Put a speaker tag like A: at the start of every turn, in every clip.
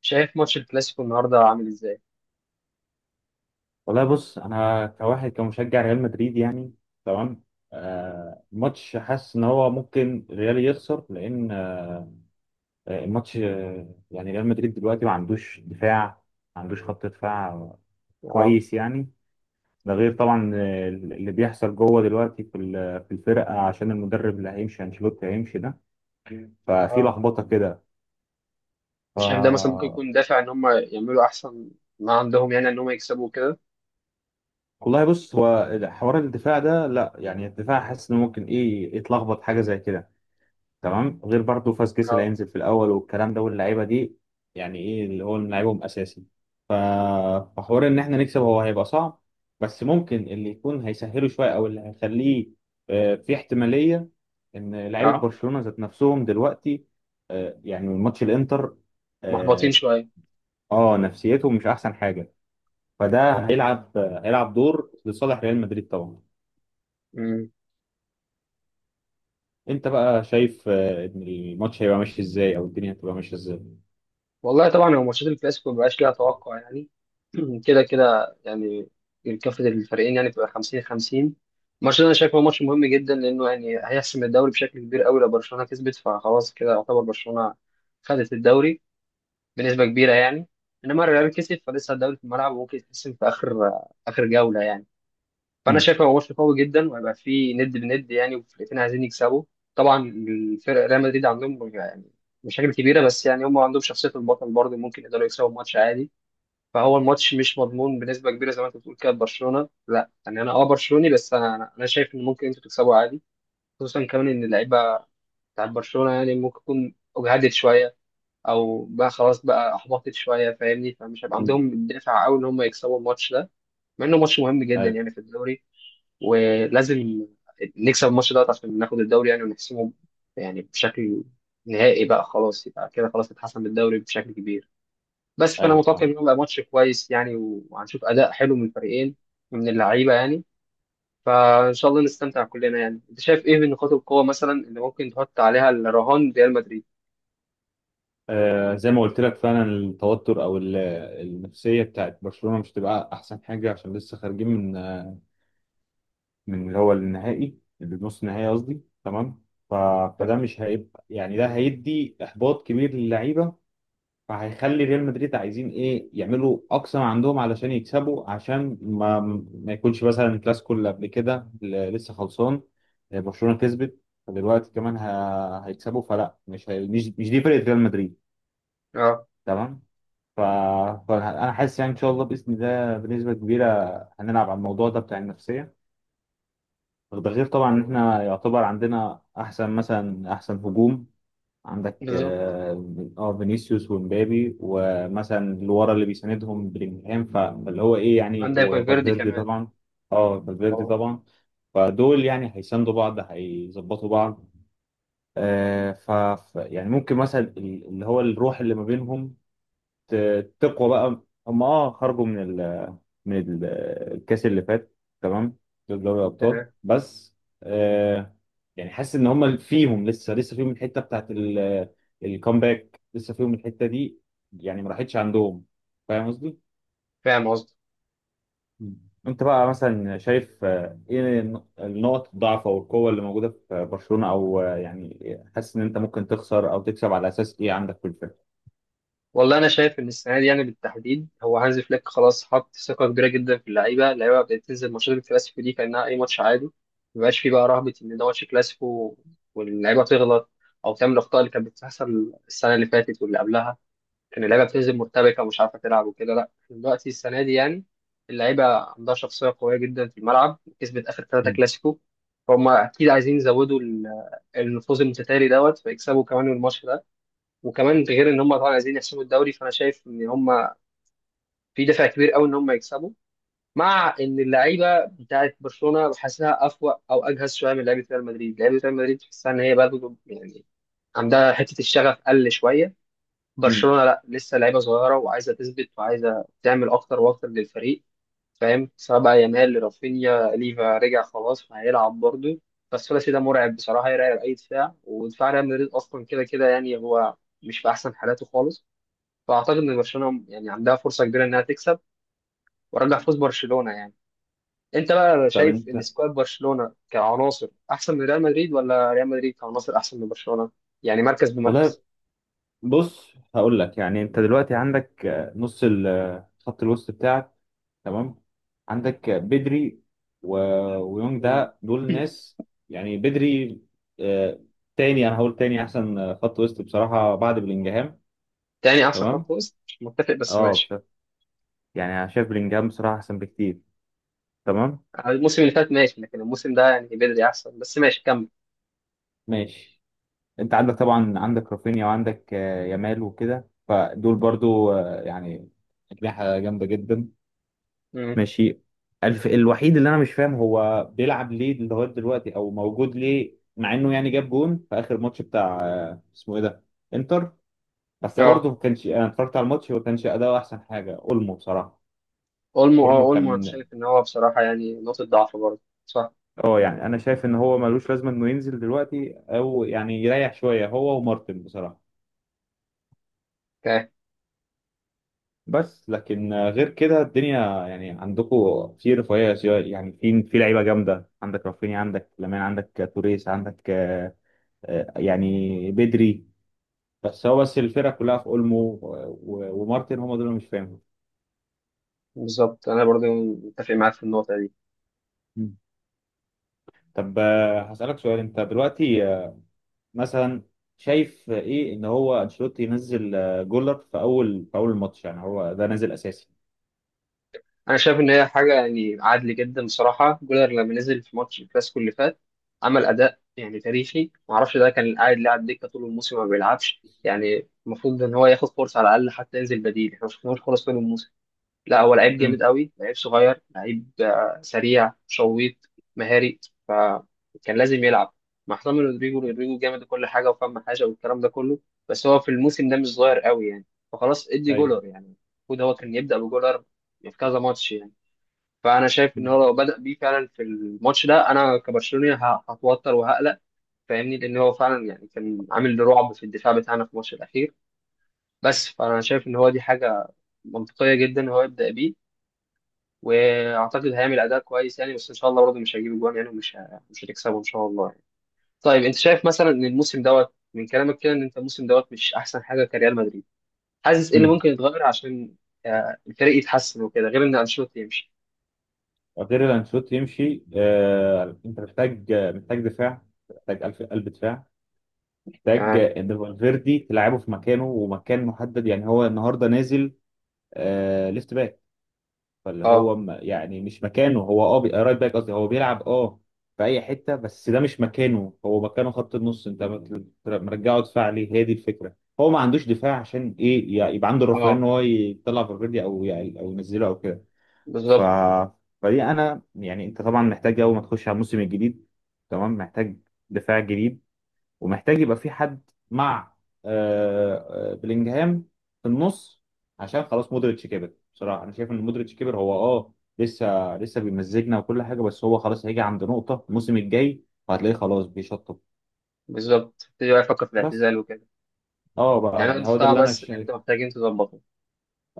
A: شايف ماتش الكلاسيكو النهارده عامل ازاي؟
B: والله بص انا كواحد كمشجع ريال مدريد يعني. تمام. الماتش حاسس ان هو ممكن ريال يخسر لان الماتش يعني ريال مدريد دلوقتي ما عندوش دفاع، ما عندوش خط دفاع
A: اه.
B: كويس يعني. ده غير
A: مم.
B: طبعا اللي بيحصل جوه دلوقتي في الفرقه عشان المدرب اللي هيمشي انشيلوتي هيمشي ده. ففي
A: اه.
B: لخبطه كده.
A: شايف ده مثلا ممكن
B: ف
A: يكون دافع ان هم يعملوا احسن ما عندهم، يعني ان هم يكسبوا كده.
B: والله بص، هو حوار الدفاع ده لا، يعني الدفاع حاسس انه ممكن ايه يتلخبط حاجه زي كده. تمام. غير برضه فاسكيز اللي
A: اه.
B: هينزل في الاول والكلام ده واللعيبه دي، يعني ايه اللي هو لعيبهم اساسي. ف- فحوار ان احنا نكسب هو هيبقى صعب، بس ممكن اللي يكون هيسهله شويه او اللي هيخليه في احتماليه ان لعيبه
A: اه،
B: برشلونه ذات نفسهم دلوقتي يعني من ماتش الانتر.
A: محبطين
B: اه.
A: شويه.
B: نفسيتهم مش احسن حاجه. فده هيلعب هيلعب دور لصالح ريال مدريد طبعا.
A: مم.
B: انت بقى شايف ان الماتش هيبقى ماشي ازاي او الدنيا هتبقى ماشيه ازاي؟
A: والله طبعا هو ماتشات الكلاسيكو مبقاش ليها توقع يعني. كده كده يعني، كافة الفريقين يعني بتبقى 50 50. الماتش ده انا شايفه ماتش مهم جدا، لانه يعني هيحسم الدوري بشكل كبير قوي. لو برشلونه كسبت فخلاص، كده يعتبر برشلونه خدت الدوري بنسبة كبيرة يعني. انما الريال كسب، فلسه الدوري في الملعب وممكن يتحسم في اخر جولة يعني. فانا
B: مم.
A: شايف هو ماتش قوي جدا وهيبقى فيه ند بند يعني، والفرقتين عايزين يكسبوا. طبعا الفرق، ريال مدريد عندهم يعني مشاكل كبيرة، بس يعني هم عندهم شخصية البطل برضه، ممكن يقدروا يكسبوا الماتش عادي. فهو الماتش مش مضمون بنسبة كبيرة زي ما انت بتقول كده. برشلونة لا يعني، انا اه برشلوني، بس انا انا أنا شايف ان ممكن انتوا تكسبوا عادي. خصوصا كمان ان اللعيبة بتاعت برشلونة يعني ممكن تكون اجهدت شوية، او بقى خلاص بقى احبطت شويه، فاهمني، فمش هيبقى
B: مم.
A: عندهم الدافع قوي ان هم يكسبوا الماتش ده. مع انه ماتش مهم جدا
B: ايوه.
A: يعني في الدوري، ولازم نكسب الماتش ده عشان ناخد الدوري يعني ونحسمه، يعني بشكل نهائي بقى. خلاص يبقى كده، خلاص اتحسم الدوري بشكل كبير بس. فانا
B: ايوه
A: متوقع ان
B: فاهم.
A: هو يبقى ماتش كويس يعني، وهنشوف اداء حلو من الفريقين، من اللعيبه يعني. فان شاء الله نستمتع كلنا يعني. انت شايف ايه من نقاط القوه مثلا اللي ممكن تحط عليها الرهان ريال مدريد؟
B: زي ما قلت لك فعلا التوتر او النفسيه بتاعت برشلونه مش تبقى احسن حاجه عشان لسه خارجين من من اللي هو النهائي اللي نص النهائي قصدي. تمام. ف... فده مش هيبقى يعني ده هيدي احباط كبير للعيبه. فهيخلي ريال مدريد عايزين ايه يعملوا اقصى ما عندهم علشان يكسبوا، عشان ما يكونش مثلا الكلاسيكو اللي قبل كده اللي لسه خلصان برشلونه كسبت. فدلوقتي كمان هيكسبوا، فلا، مش هي... مش مش دي فرقه ريال مدريد.
A: اه،
B: تمام. ف... فانا حاسس يعني ان شاء الله باذن الله بنسبه كبيره هنلعب على الموضوع ده بتاع النفسيه. ده غير طبعا ان احنا يعتبر عندنا احسن مثلا احسن هجوم. عندك
A: بالظبط.
B: اه فينيسيوس ومبابي، ومثلا اللي ورا اللي بيساندهم بلينجهام، فاللي هو ايه يعني،
A: عندك فالفيردي
B: وفالفيردي
A: كمان
B: طبعا. اه فالفيردي
A: طبعا.
B: طبعا. فدول يعني هيساندوا بعض، هيظبطوا بعض يعني ممكن مثلا اللي هو الروح اللي ما بينهم تقوى بقى. هم اه خرجوا من من ال- الكاس اللي فات. تمام. دول دوري الابطال
A: تمام.
B: بس. آه. يعني حاسس ان هم فيهم لسه فيهم الحته بتاعت الكومباك، لسه فيهم الحته دي يعني، ما راحتش عندهم. فاهم قصدي؟
A: فاهم قصدي.
B: مم. انت بقى مثلا شايف ايه النقط الضعف او القوه اللي موجوده في برشلونه، او يعني حاسس ان انت ممكن تخسر او تكسب على اساس ايه عندك في الفرقه؟
A: والله انا شايف ان السنه دي يعني بالتحديد، هو هانز فليك خلاص حط ثقه كبيره جدا في اللعيبه. اللعيبه بدات تنزل ماتشات الكلاسيكو دي كانها اي ماتش عادي، مبقاش فيه بقى رهبه ان ده ماتش كلاسيكو واللعيبه تغلط او تعمل الاخطاء اللي كانت بتحصل السنه اللي فاتت واللي قبلها، ان اللعيبه بتنزل مرتبكه ومش عارفه تلعب وكده. لا، إحنا دلوقتي السنه دي يعني اللعيبه عندها شخصيه قويه جدا في الملعب، كسبت اخر ثلاثه
B: مم.
A: كلاسيكو. فهم اكيد عايزين يزودوا النفوذ المتتالي دوت، فيكسبوا كمان الماتش ده. وكمان ده غير ان هم طبعا عايزين يحسموا الدوري، فانا شايف ان هم في دافع كبير قوي ان هم يكسبوا. مع ان اللعيبه بتاعت برشلونه بحسها افوق او اجهز شويه من لعيبه ريال مدريد. لعيبه ريال مدريد تحسها ان هي برضه يعني عندها حته الشغف قل شويه.
B: مم.
A: برشلونة لا، لسه لعيبة صغيرة وعايزة تثبت وعايزة تعمل أكتر وأكتر للفريق، فاهم؟ سواء بقى يامال، رافينيا، ليفا رجع خلاص فهيلعب برضه، بس الثلاثي ده مرعب بصراحة، يرعب أي دفاع، ودفاع ريال مدريد أصلا كده كده يعني هو مش في أحسن حالاته خالص. فأعتقد إن برشلونة يعني عندها فرصة كبيرة إنها تكسب، وأرجح فوز برشلونة يعني. أنت بقى
B: طب
A: شايف إن
B: انت.
A: سكواد برشلونة كعناصر أحسن من ريال مدريد، ولا ريال مدريد كعناصر أحسن من برشلونة؟ يعني مركز
B: والله
A: بمركز.
B: بص، هقول لك يعني انت دلوقتي عندك نص خط الوسط بتاعك. تمام. عندك بدري و... ويونج،
A: مم.
B: ده دول ناس يعني بدري. آه، تاني، انا هقول تاني احسن خط وسط بصراحة بعد بلينجهام.
A: تاني أحسن خط
B: تمام.
A: وسط؟ مش متفق، بس
B: اه
A: ماشي.
B: بصراحة، يعني انا شايف بلينجهام بصراحة احسن بكتير. تمام.
A: الموسم اللي فات ماشي، لكن الموسم ده يعني بدري احسن، بس ماشي كمل.
B: ماشي. انت عندك طبعا، عندك رافينيا وعندك يامال وكده، فدول برضو يعني أجنحة جامدة جدا.
A: امم
B: ماشي. الوحيد اللي انا مش فاهم هو بيلعب ليه لغايه دلوقتي او موجود ليه، مع انه يعني جاب جون في اخر ماتش بتاع، اسمه ايه ده، انتر. بس ده برضه
A: اه،
B: ما كانش، انا اتفرجت على الماتش ما كانش اداؤه احسن حاجه، اولمو بصراحه.
A: اولمو. اه
B: اولمو كان
A: اولمو، انا شايف ان هو بصراحه يعني نقطه ضعف برضه، صح.
B: اه، يعني انا شايف ان هو ملوش لازمه انه ينزل دلوقتي، او يعني يريح شويه هو ومارتن بصراحه.
A: اوكي.
B: بس لكن غير كده الدنيا يعني عندكم في رفاهيه، يعني في لعيبه جامده، عندك رافينيا، عندك لامين، عندك توريس، عندك يعني بدري. بس هو بس الفرقة كلها في اولمو ومارتن، هم دول اللي مش فاهمهم.
A: بالظبط، انا برضه متفق معاك في النقطه دي.
B: مم. طب هسألك سؤال، انت دلوقتي مثلا شايف ايه ان هو انشيلوتي ينزل جولر في اول الماتش، يعني هو ده نازل اساسي؟
A: انا شايف ان هي حاجه يعني عادل جدا بصراحه. جولر لما نزل في ماتش الكلاسيكو اللي فات عمل اداء يعني تاريخي، ما اعرفش ده كان قاعد لاعب دكه طول الموسم ما بيلعبش يعني. المفروض ان هو ياخد فرصه على الاقل، حتى ينزل بديل، احنا ما شفناهوش خالص طول الموسم. لا هو لعيب
B: امم.
A: جامد قوي، لعيب صغير، لعيب سريع شويط، مهاري، فكان لازم يلعب مع حسام رودريجو. رودريجو جامد كل حاجه وفهم حاجه والكلام ده كله، بس هو في الموسم ده مش صغير قوي يعني، فخلاص ادي
B: ايوه.
A: جولر يعني. المفروض هو كان يبدا بجولر في كذا ماتش يعني. فانا شايف ان
B: مم.
A: هو لو بدا بيه فعلا في الماتش ده، انا كبرشلوني هتوتر وهقلق، فاهمني، لان هو فعلا يعني كان عامل رعب في الدفاع بتاعنا في الماتش الاخير. بس فانا شايف ان هو دي حاجه منطقيه جدا هو يبدا بيه، واعتقد هيعمل اداء كويس يعني، بس ان شاء الله برضه مش هيجيب جوان يعني ومش مش هتكسبه ان شاء الله يعني. طيب انت شايف مثلا ان الموسم دوت، من كلامك كده ان انت الموسم دوت مش احسن حاجه كريال مدريد، حاسس ايه اللي
B: امم.
A: ممكن يتغير عشان الفريق يتحسن وكده، غير ان انشيلوتي يمشي؟
B: غير ان انشيلوتي يمشي انت محتاج محتاج دفاع، محتاج قلب دفاع، محتاج
A: تمام.
B: ان فالفيردي تلعبه في مكانه ومكان محدد، يعني هو النهارده نازل ليفت باك، فاللي
A: اه.
B: هو يعني مش مكانه، هو اه رايت باك قصدي، هو بيلعب اه في اي حته بس ده مش مكانه، هو مكانه خط النص، انت مرجعه دفاع ليه؟ هي دي الفكره، هو ما عندوش دفاع عشان ايه يعني يبقى عنده الرفاهيه ان
A: اه،
B: هو يطلع فالفيردي، او يعني او ينزله او كده. ف
A: بالظبط.
B: فدي انا يعني، انت طبعا محتاج اول ما تخش على الموسم الجديد تمام، محتاج دفاع جديد، ومحتاج يبقى في حد مع بلينجهام في النص، عشان خلاص مودريتش كبر بصراحه، انا شايف ان مودريتش كبر هو اه لسه بيمزجنا وكل حاجه، بس هو خلاص هيجي عند نقطه الموسم الجاي وهتلاقيه خلاص بيشطب.
A: بالظبط، تبتدي بقى يفكر في
B: بس
A: الاعتزال وكده.
B: اه بقى،
A: يعني هو
B: يعني هو ده
A: الدفاع
B: اللي انا
A: بس اللي
B: شايف.
A: انت محتاجين تظبطه؟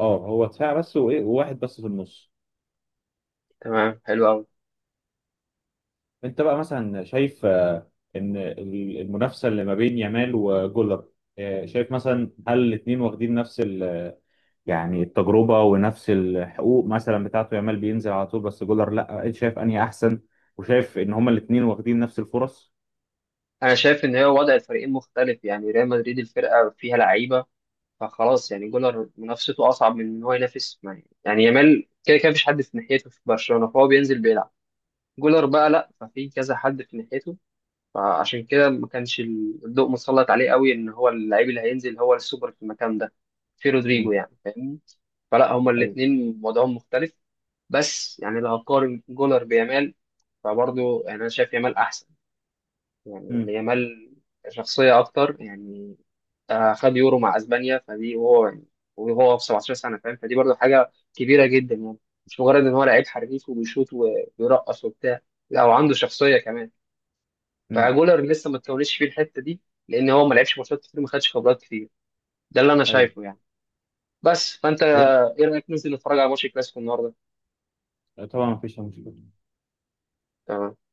B: اه، هو دفاع بس، وايه وواحد بس في النص.
A: تمام، حلو قوي.
B: انت بقى مثلا شايف ان المنافسه اللي ما بين يامال وجولر شايف مثلا هل الاثنين واخدين نفس يعني التجربة ونفس الحقوق مثلا بتاعته، يامال بينزل على طول بس جولر لا، شايف انهي احسن، وشايف ان هما الاثنين واخدين نفس الفرص؟
A: انا شايف ان هو وضع الفريقين مختلف يعني. ريال مدريد الفرقه فيها لعيبه، فخلاص يعني جولر منافسته اصعب من ان هو ينافس يعني يامال كده كده مفيش حد في ناحيته في برشلونه، فهو بينزل بيلعب. جولر بقى لا، ففي كذا حد في ناحيته، فعشان كده ما كانش الضوء مسلط عليه قوي، ان هو اللعيب اللي هينزل هو السوبر في المكان ده، في رودريجو
B: مم.
A: يعني، فاهمني. فلا، هما
B: ايوه.
A: الاثنين وضعهم مختلف. بس يعني لو هقارن جولر بيامال فبرضه يعني انا شايف يامال احسن، يعني
B: امم
A: ليامال شخصية أكتر يعني. خد يورو مع أسبانيا فدي، وهو يعني وهو في 17 سنة، فاهم؟ فدي برضو حاجة كبيرة جدا يعني، مش مجرد إن هو لعيب حريف وبيشوط وبيرقص وبتاع، لا، وعنده شخصية كمان.
B: امم
A: فجولر لسه ما اتكونتش فيه الحتة دي، لأن هو ما لعبش ماتشات كتير وما خدش خبرات كتير. ده اللي أنا شايفه
B: ايوه.
A: يعني. بس فأنت
B: طب
A: إيه رأيك ننزل نتفرج على ماتش الكلاسيكو النهاردة؟
B: طبعا مفيش مشكلة.
A: تمام.